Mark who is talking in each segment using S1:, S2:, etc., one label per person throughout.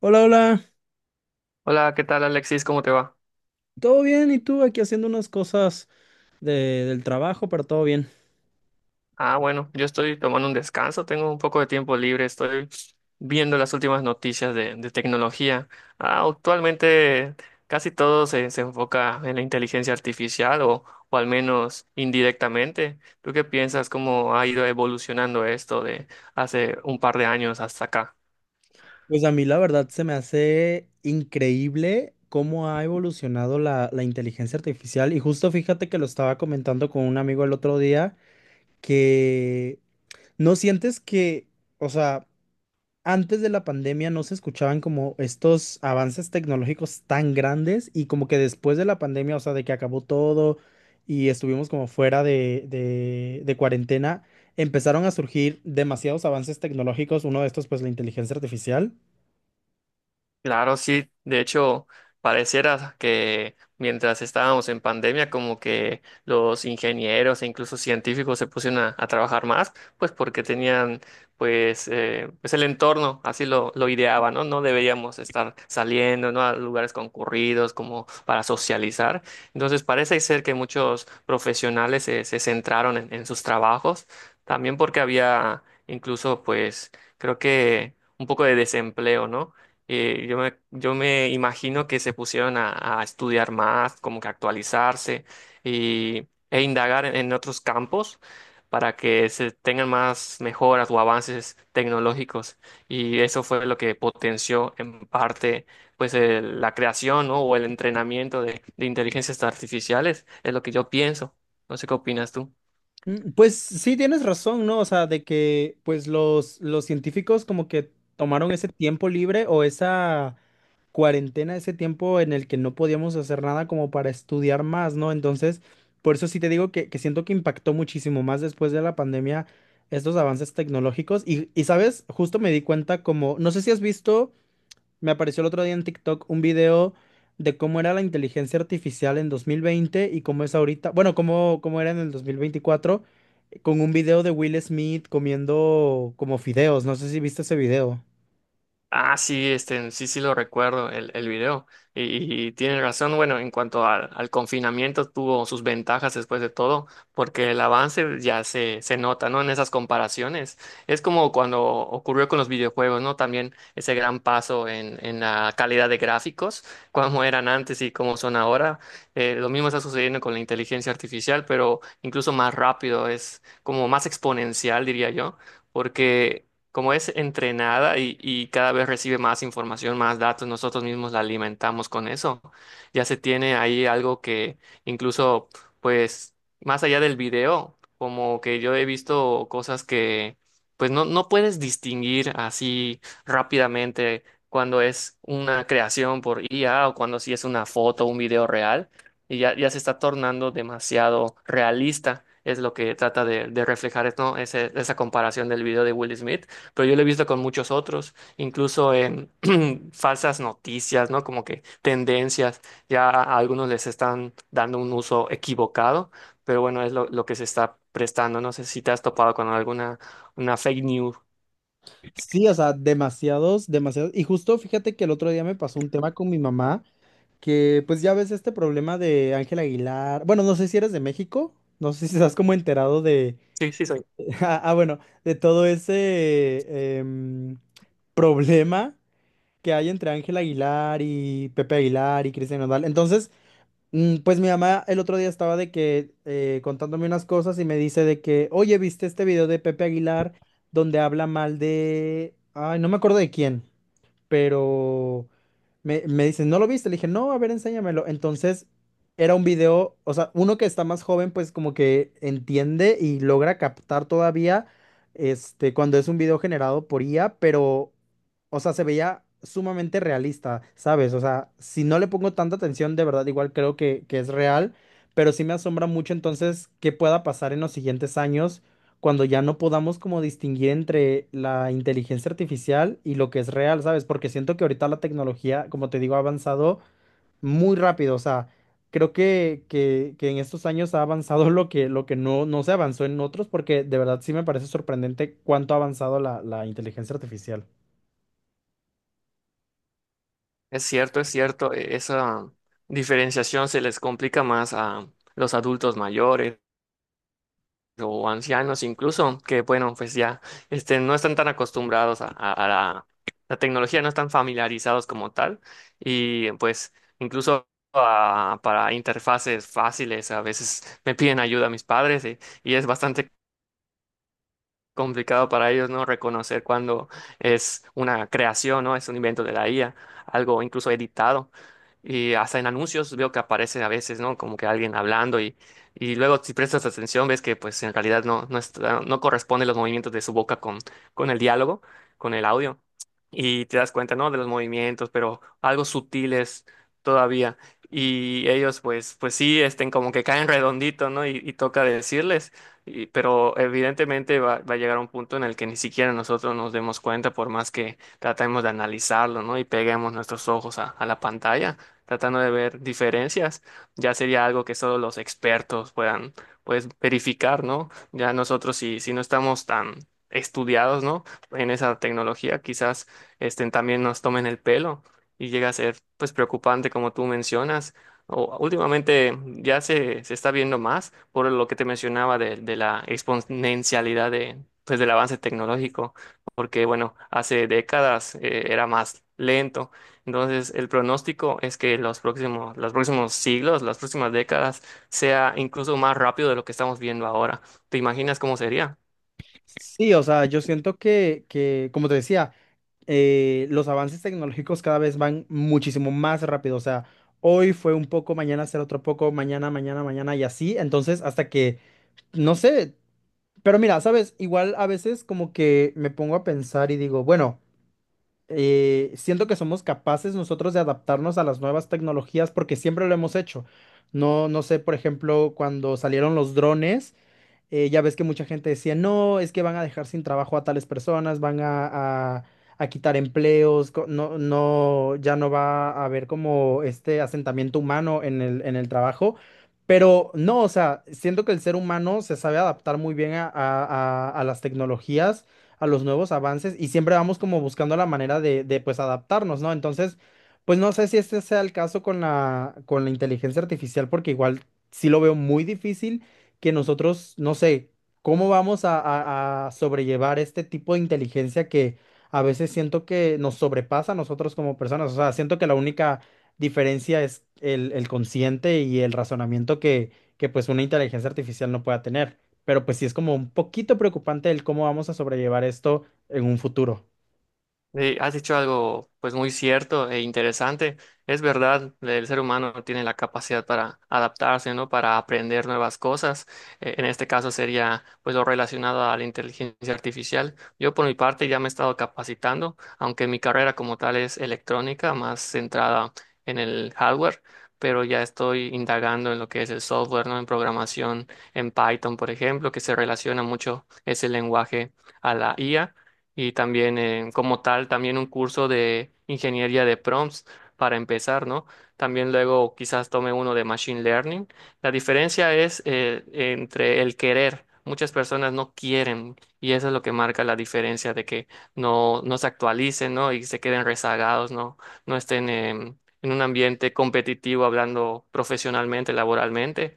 S1: Hola, hola,
S2: Hola, ¿qué tal Alexis? ¿Cómo te va?
S1: ¿todo bien? ¿Y tú aquí haciendo unas cosas del trabajo, pero todo bien?
S2: Bueno, yo estoy tomando un descanso, tengo un poco de tiempo libre, estoy viendo las últimas noticias de tecnología. Actualmente casi todo se enfoca en la inteligencia artificial o al menos indirectamente. ¿Tú qué piensas cómo ha ido evolucionando esto de hace un par de años hasta acá?
S1: Pues a mí la verdad se me hace increíble cómo ha evolucionado la inteligencia artificial y justo fíjate que lo estaba comentando con un amigo el otro día que no sientes que, o sea, antes de la pandemia no se escuchaban como estos avances tecnológicos tan grandes y como que después de la pandemia, o sea, de que acabó todo y estuvimos como fuera de cuarentena, empezaron a surgir demasiados avances tecnológicos, uno de estos pues la inteligencia artificial.
S2: Claro, sí. De hecho, pareciera que mientras estábamos en pandemia, como que los ingenieros e incluso científicos se pusieron a trabajar más, pues porque tenían, pues, pues el entorno, así lo ideaba, ¿no? No deberíamos estar saliendo, ¿no? A lugares concurridos como para socializar. Entonces, parece ser que muchos profesionales se centraron en sus trabajos, también porque había incluso, pues, creo que un poco de desempleo, ¿no? Yo me imagino que se pusieron a estudiar más, como que actualizarse y, e indagar en otros campos para que se tengan más mejoras o avances tecnológicos. Y eso fue lo que potenció en parte pues la creación, ¿no? O el entrenamiento de inteligencias artificiales, es lo que yo pienso. No sé qué opinas tú.
S1: Mm, pues sí, tienes razón, ¿no? O sea, de que pues los científicos como que tomaron ese tiempo libre o esa cuarentena, ese tiempo en el que no podíamos hacer nada como para estudiar más, ¿no? Entonces, por eso sí te digo que siento que impactó muchísimo más después de la pandemia estos avances tecnológicos. Y, ¿sabes? Justo me di cuenta como, no sé si has visto, me apareció el otro día en TikTok un video de cómo era la inteligencia artificial en 2020 y cómo es ahorita, bueno, cómo era en el 2024, con un video de Will Smith comiendo como fideos. No sé si viste ese video.
S2: Sí, este, sí, sí lo recuerdo, el video. Y tiene razón, bueno, en cuanto al confinamiento, tuvo sus ventajas después de todo, porque el avance ya se nota, ¿no? En esas comparaciones. Es como cuando ocurrió con los videojuegos, ¿no? También ese gran paso en la calidad de gráficos, cómo eran antes y cómo son ahora. Lo mismo está sucediendo con la inteligencia artificial, pero incluso más rápido, es como más exponencial, diría yo. Porque como es entrenada y cada vez recibe más información, más datos, nosotros mismos la alimentamos con eso. Ya se tiene ahí algo que incluso, pues, más allá del video, como que yo he visto cosas que, pues, no, no puedes distinguir así rápidamente cuando es una creación por IA o cuando sí es una foto, un video real, y ya, ya se está tornando demasiado realista. Es lo que trata de reflejar, ¿no? Esa comparación del video de Will Smith, pero yo lo he visto con muchos otros, incluso en falsas noticias, ¿no? Como que tendencias, ya a algunos les están dando un uso equivocado, pero bueno, es lo que se está prestando. No sé si te has topado con alguna una fake news.
S1: Sí, o sea, demasiados, demasiados. Y justo fíjate que el otro día me pasó un tema con mi mamá, que pues ya ves este problema de Ángel Aguilar. Bueno, no sé si eres de México, no sé si estás como enterado de...
S2: Sí, sí, soy.
S1: Ah, ah, bueno, de todo ese problema que hay entre Ángel Aguilar y Pepe Aguilar y Cristian Nodal. Entonces, mm, pues mi mamá el otro día estaba de que contándome unas cosas y me dice de que, oye, ¿viste este video de Pepe Aguilar donde habla mal de... Ay, no me acuerdo de quién, pero me dicen, ¿no lo viste? Le dije, no, a ver, enséñamelo. Entonces, era un video, o sea, uno que está más joven, pues como que entiende y logra captar todavía, este, cuando es un video generado por IA, pero, o sea, se veía sumamente realista, ¿sabes? O sea, si no le pongo tanta atención, de verdad, igual creo que es real, pero sí me asombra mucho entonces qué pueda pasar en los siguientes años cuando ya no podamos como distinguir entre la inteligencia artificial y lo que es real, ¿sabes? Porque siento que ahorita la tecnología, como te digo, ha avanzado muy rápido. O sea, creo que en estos años ha avanzado lo que, no, no se avanzó en otros, porque de verdad sí me parece sorprendente cuánto ha avanzado la inteligencia artificial.
S2: Es cierto, esa diferenciación se les complica más a los adultos mayores o ancianos incluso, que bueno, pues ya este, no están tan acostumbrados a, a la, la tecnología, no están familiarizados como tal, y pues incluso para interfaces fáciles a veces me piden ayuda a mis padres y es bastante complicado para ellos, ¿no? Reconocer cuando es una creación, ¿no? Es un invento de la IA, algo incluso editado. Y hasta en anuncios veo que aparece a veces, ¿no? Como que alguien hablando y luego si prestas atención ves que pues en realidad no, no, no corresponden los movimientos de su boca con el diálogo, con el audio. Y te das cuenta, ¿no? De los movimientos, pero algo sutiles todavía. Y ellos pues, pues sí, estén como que caen redondito, ¿no? Y toca decirles. Pero evidentemente va, va a llegar un punto en el que ni siquiera nosotros nos demos cuenta, por más que tratemos de analizarlo, ¿no? Y peguemos nuestros ojos a la pantalla, tratando de ver diferencias, ya sería algo que solo los expertos puedan, pues, verificar, ¿no? Ya nosotros, si, si no estamos tan estudiados, ¿no? En esa tecnología, quizás este, también nos tomen el pelo y llega a ser, pues, preocupante, como tú mencionas. Últimamente ya se está viendo más por lo que te mencionaba de la exponencialidad de, pues, del avance tecnológico, porque bueno, hace décadas era más lento. Entonces, el pronóstico es que los próximos siglos, las próximas décadas, sea incluso más rápido de lo que estamos viendo ahora. ¿Te imaginas cómo sería?
S1: Sí, o sea, yo siento como te decía, los avances tecnológicos cada vez van muchísimo más rápido. O sea, hoy fue un poco, mañana será otro poco, mañana, mañana, mañana y así. Entonces, hasta que, no sé, pero mira, sabes, igual a veces como que me pongo a pensar y digo, bueno, siento que somos capaces nosotros de adaptarnos a las nuevas tecnologías porque siempre lo hemos hecho. No sé, por ejemplo, cuando salieron los drones. Ya ves que mucha gente decía, no, es que van a dejar sin trabajo a tales personas, van a quitar empleos, no, no, ya no va a haber como este asentamiento humano en el trabajo. Pero no, o sea, siento que el ser humano se sabe adaptar muy bien a las tecnologías, a los nuevos avances y siempre vamos como buscando la manera de pues adaptarnos, ¿no? Entonces, pues no sé si este sea el caso con la inteligencia artificial porque igual sí lo veo muy difícil que nosotros, no sé, cómo vamos a sobrellevar este tipo de inteligencia que a veces siento que nos sobrepasa a nosotros como personas. O sea, siento que la única diferencia es el consciente y el razonamiento que pues una inteligencia artificial no pueda tener. Pero pues sí es como un poquito preocupante el cómo vamos a sobrellevar esto en un futuro.
S2: Sí, has dicho algo pues muy cierto e interesante. Es verdad, el ser humano tiene la capacidad para adaptarse, ¿no? Para aprender nuevas cosas. En este caso sería pues lo relacionado a la inteligencia artificial. Yo por mi parte ya me he estado capacitando, aunque mi carrera como tal es electrónica, más centrada en el hardware, pero ya estoy indagando en lo que es el software, ¿no? En programación, en Python, por ejemplo, que se relaciona mucho ese lenguaje a la IA y también como tal, también un curso de ingeniería de prompts para empezar, ¿no? También luego quizás tome uno de machine learning. La diferencia es entre el querer. Muchas personas no quieren y eso es lo que marca la diferencia de que no, no se actualicen, ¿no? Y se queden rezagados, ¿no? No estén en un ambiente competitivo hablando profesionalmente, laboralmente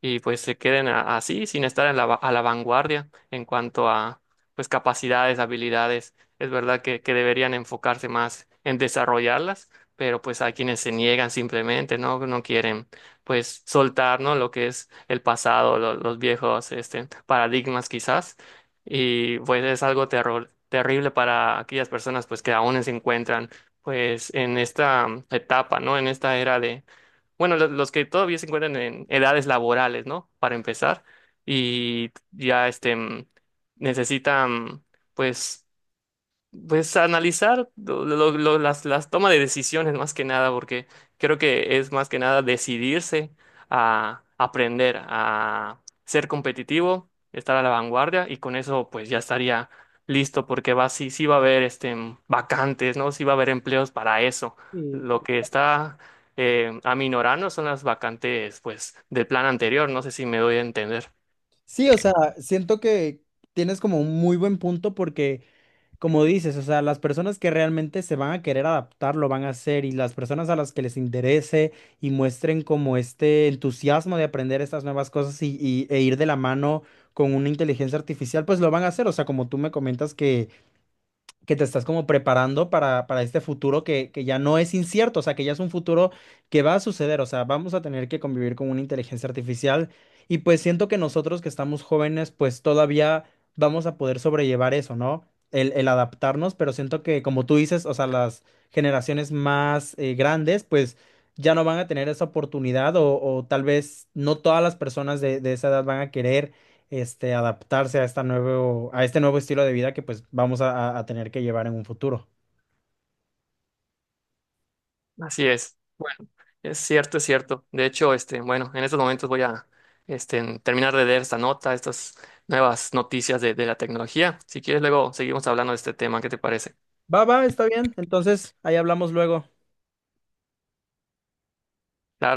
S2: y pues se queden así sin estar en la a la vanguardia en cuanto a pues capacidades, habilidades. Es verdad que deberían enfocarse más en desarrollarlas, pero pues hay quienes se niegan simplemente, ¿no? No quieren pues soltar, ¿no? Lo que es el pasado, los viejos este, paradigmas quizás. Y pues es algo terrible para aquellas personas pues que aún se encuentran pues en esta etapa, ¿no? En esta era de... Bueno, los que todavía se encuentran en edades laborales, ¿no? Para empezar. Y ya este. Necesitan, pues, pues analizar las tomas de decisiones más que nada, porque creo que es más que nada decidirse a aprender, a ser competitivo, estar a la vanguardia y con eso pues ya estaría listo, porque va, sí, sí va a haber este, vacantes, ¿no? Sí va a haber empleos para eso.
S1: Sí,
S2: Lo que está... aminorando son las vacantes pues del plan anterior, no sé si me doy a entender.
S1: sí, o sea, siento que tienes como un muy buen punto porque como dices, o sea, las personas que realmente se van a querer adaptar lo van a hacer y las personas a las que les interese y muestren como este entusiasmo de aprender estas nuevas cosas y, e ir de la mano con una inteligencia artificial, pues lo van a hacer. O sea, como tú me comentas que te estás como preparando para este futuro que ya no es incierto, o sea, que ya es un futuro que va a suceder, o sea, vamos a tener que convivir con una inteligencia artificial y pues siento que nosotros que estamos jóvenes, pues todavía vamos a poder sobrellevar eso, ¿no? El adaptarnos, pero siento que como tú dices, o sea, las generaciones más grandes, pues ya no van a tener esa oportunidad o tal vez no todas las personas de esa edad van a querer este, adaptarse a esta nuevo, a este nuevo estilo de vida que pues vamos a tener que llevar en un futuro.
S2: Así es. Bueno, es cierto, es cierto. De hecho, este, bueno, en estos momentos voy a este, terminar de leer esta nota, estas nuevas noticias de la tecnología. Si quieres, luego seguimos hablando de este tema. ¿Qué te parece?
S1: Va, va, está bien. Entonces, ahí hablamos luego.
S2: Claro.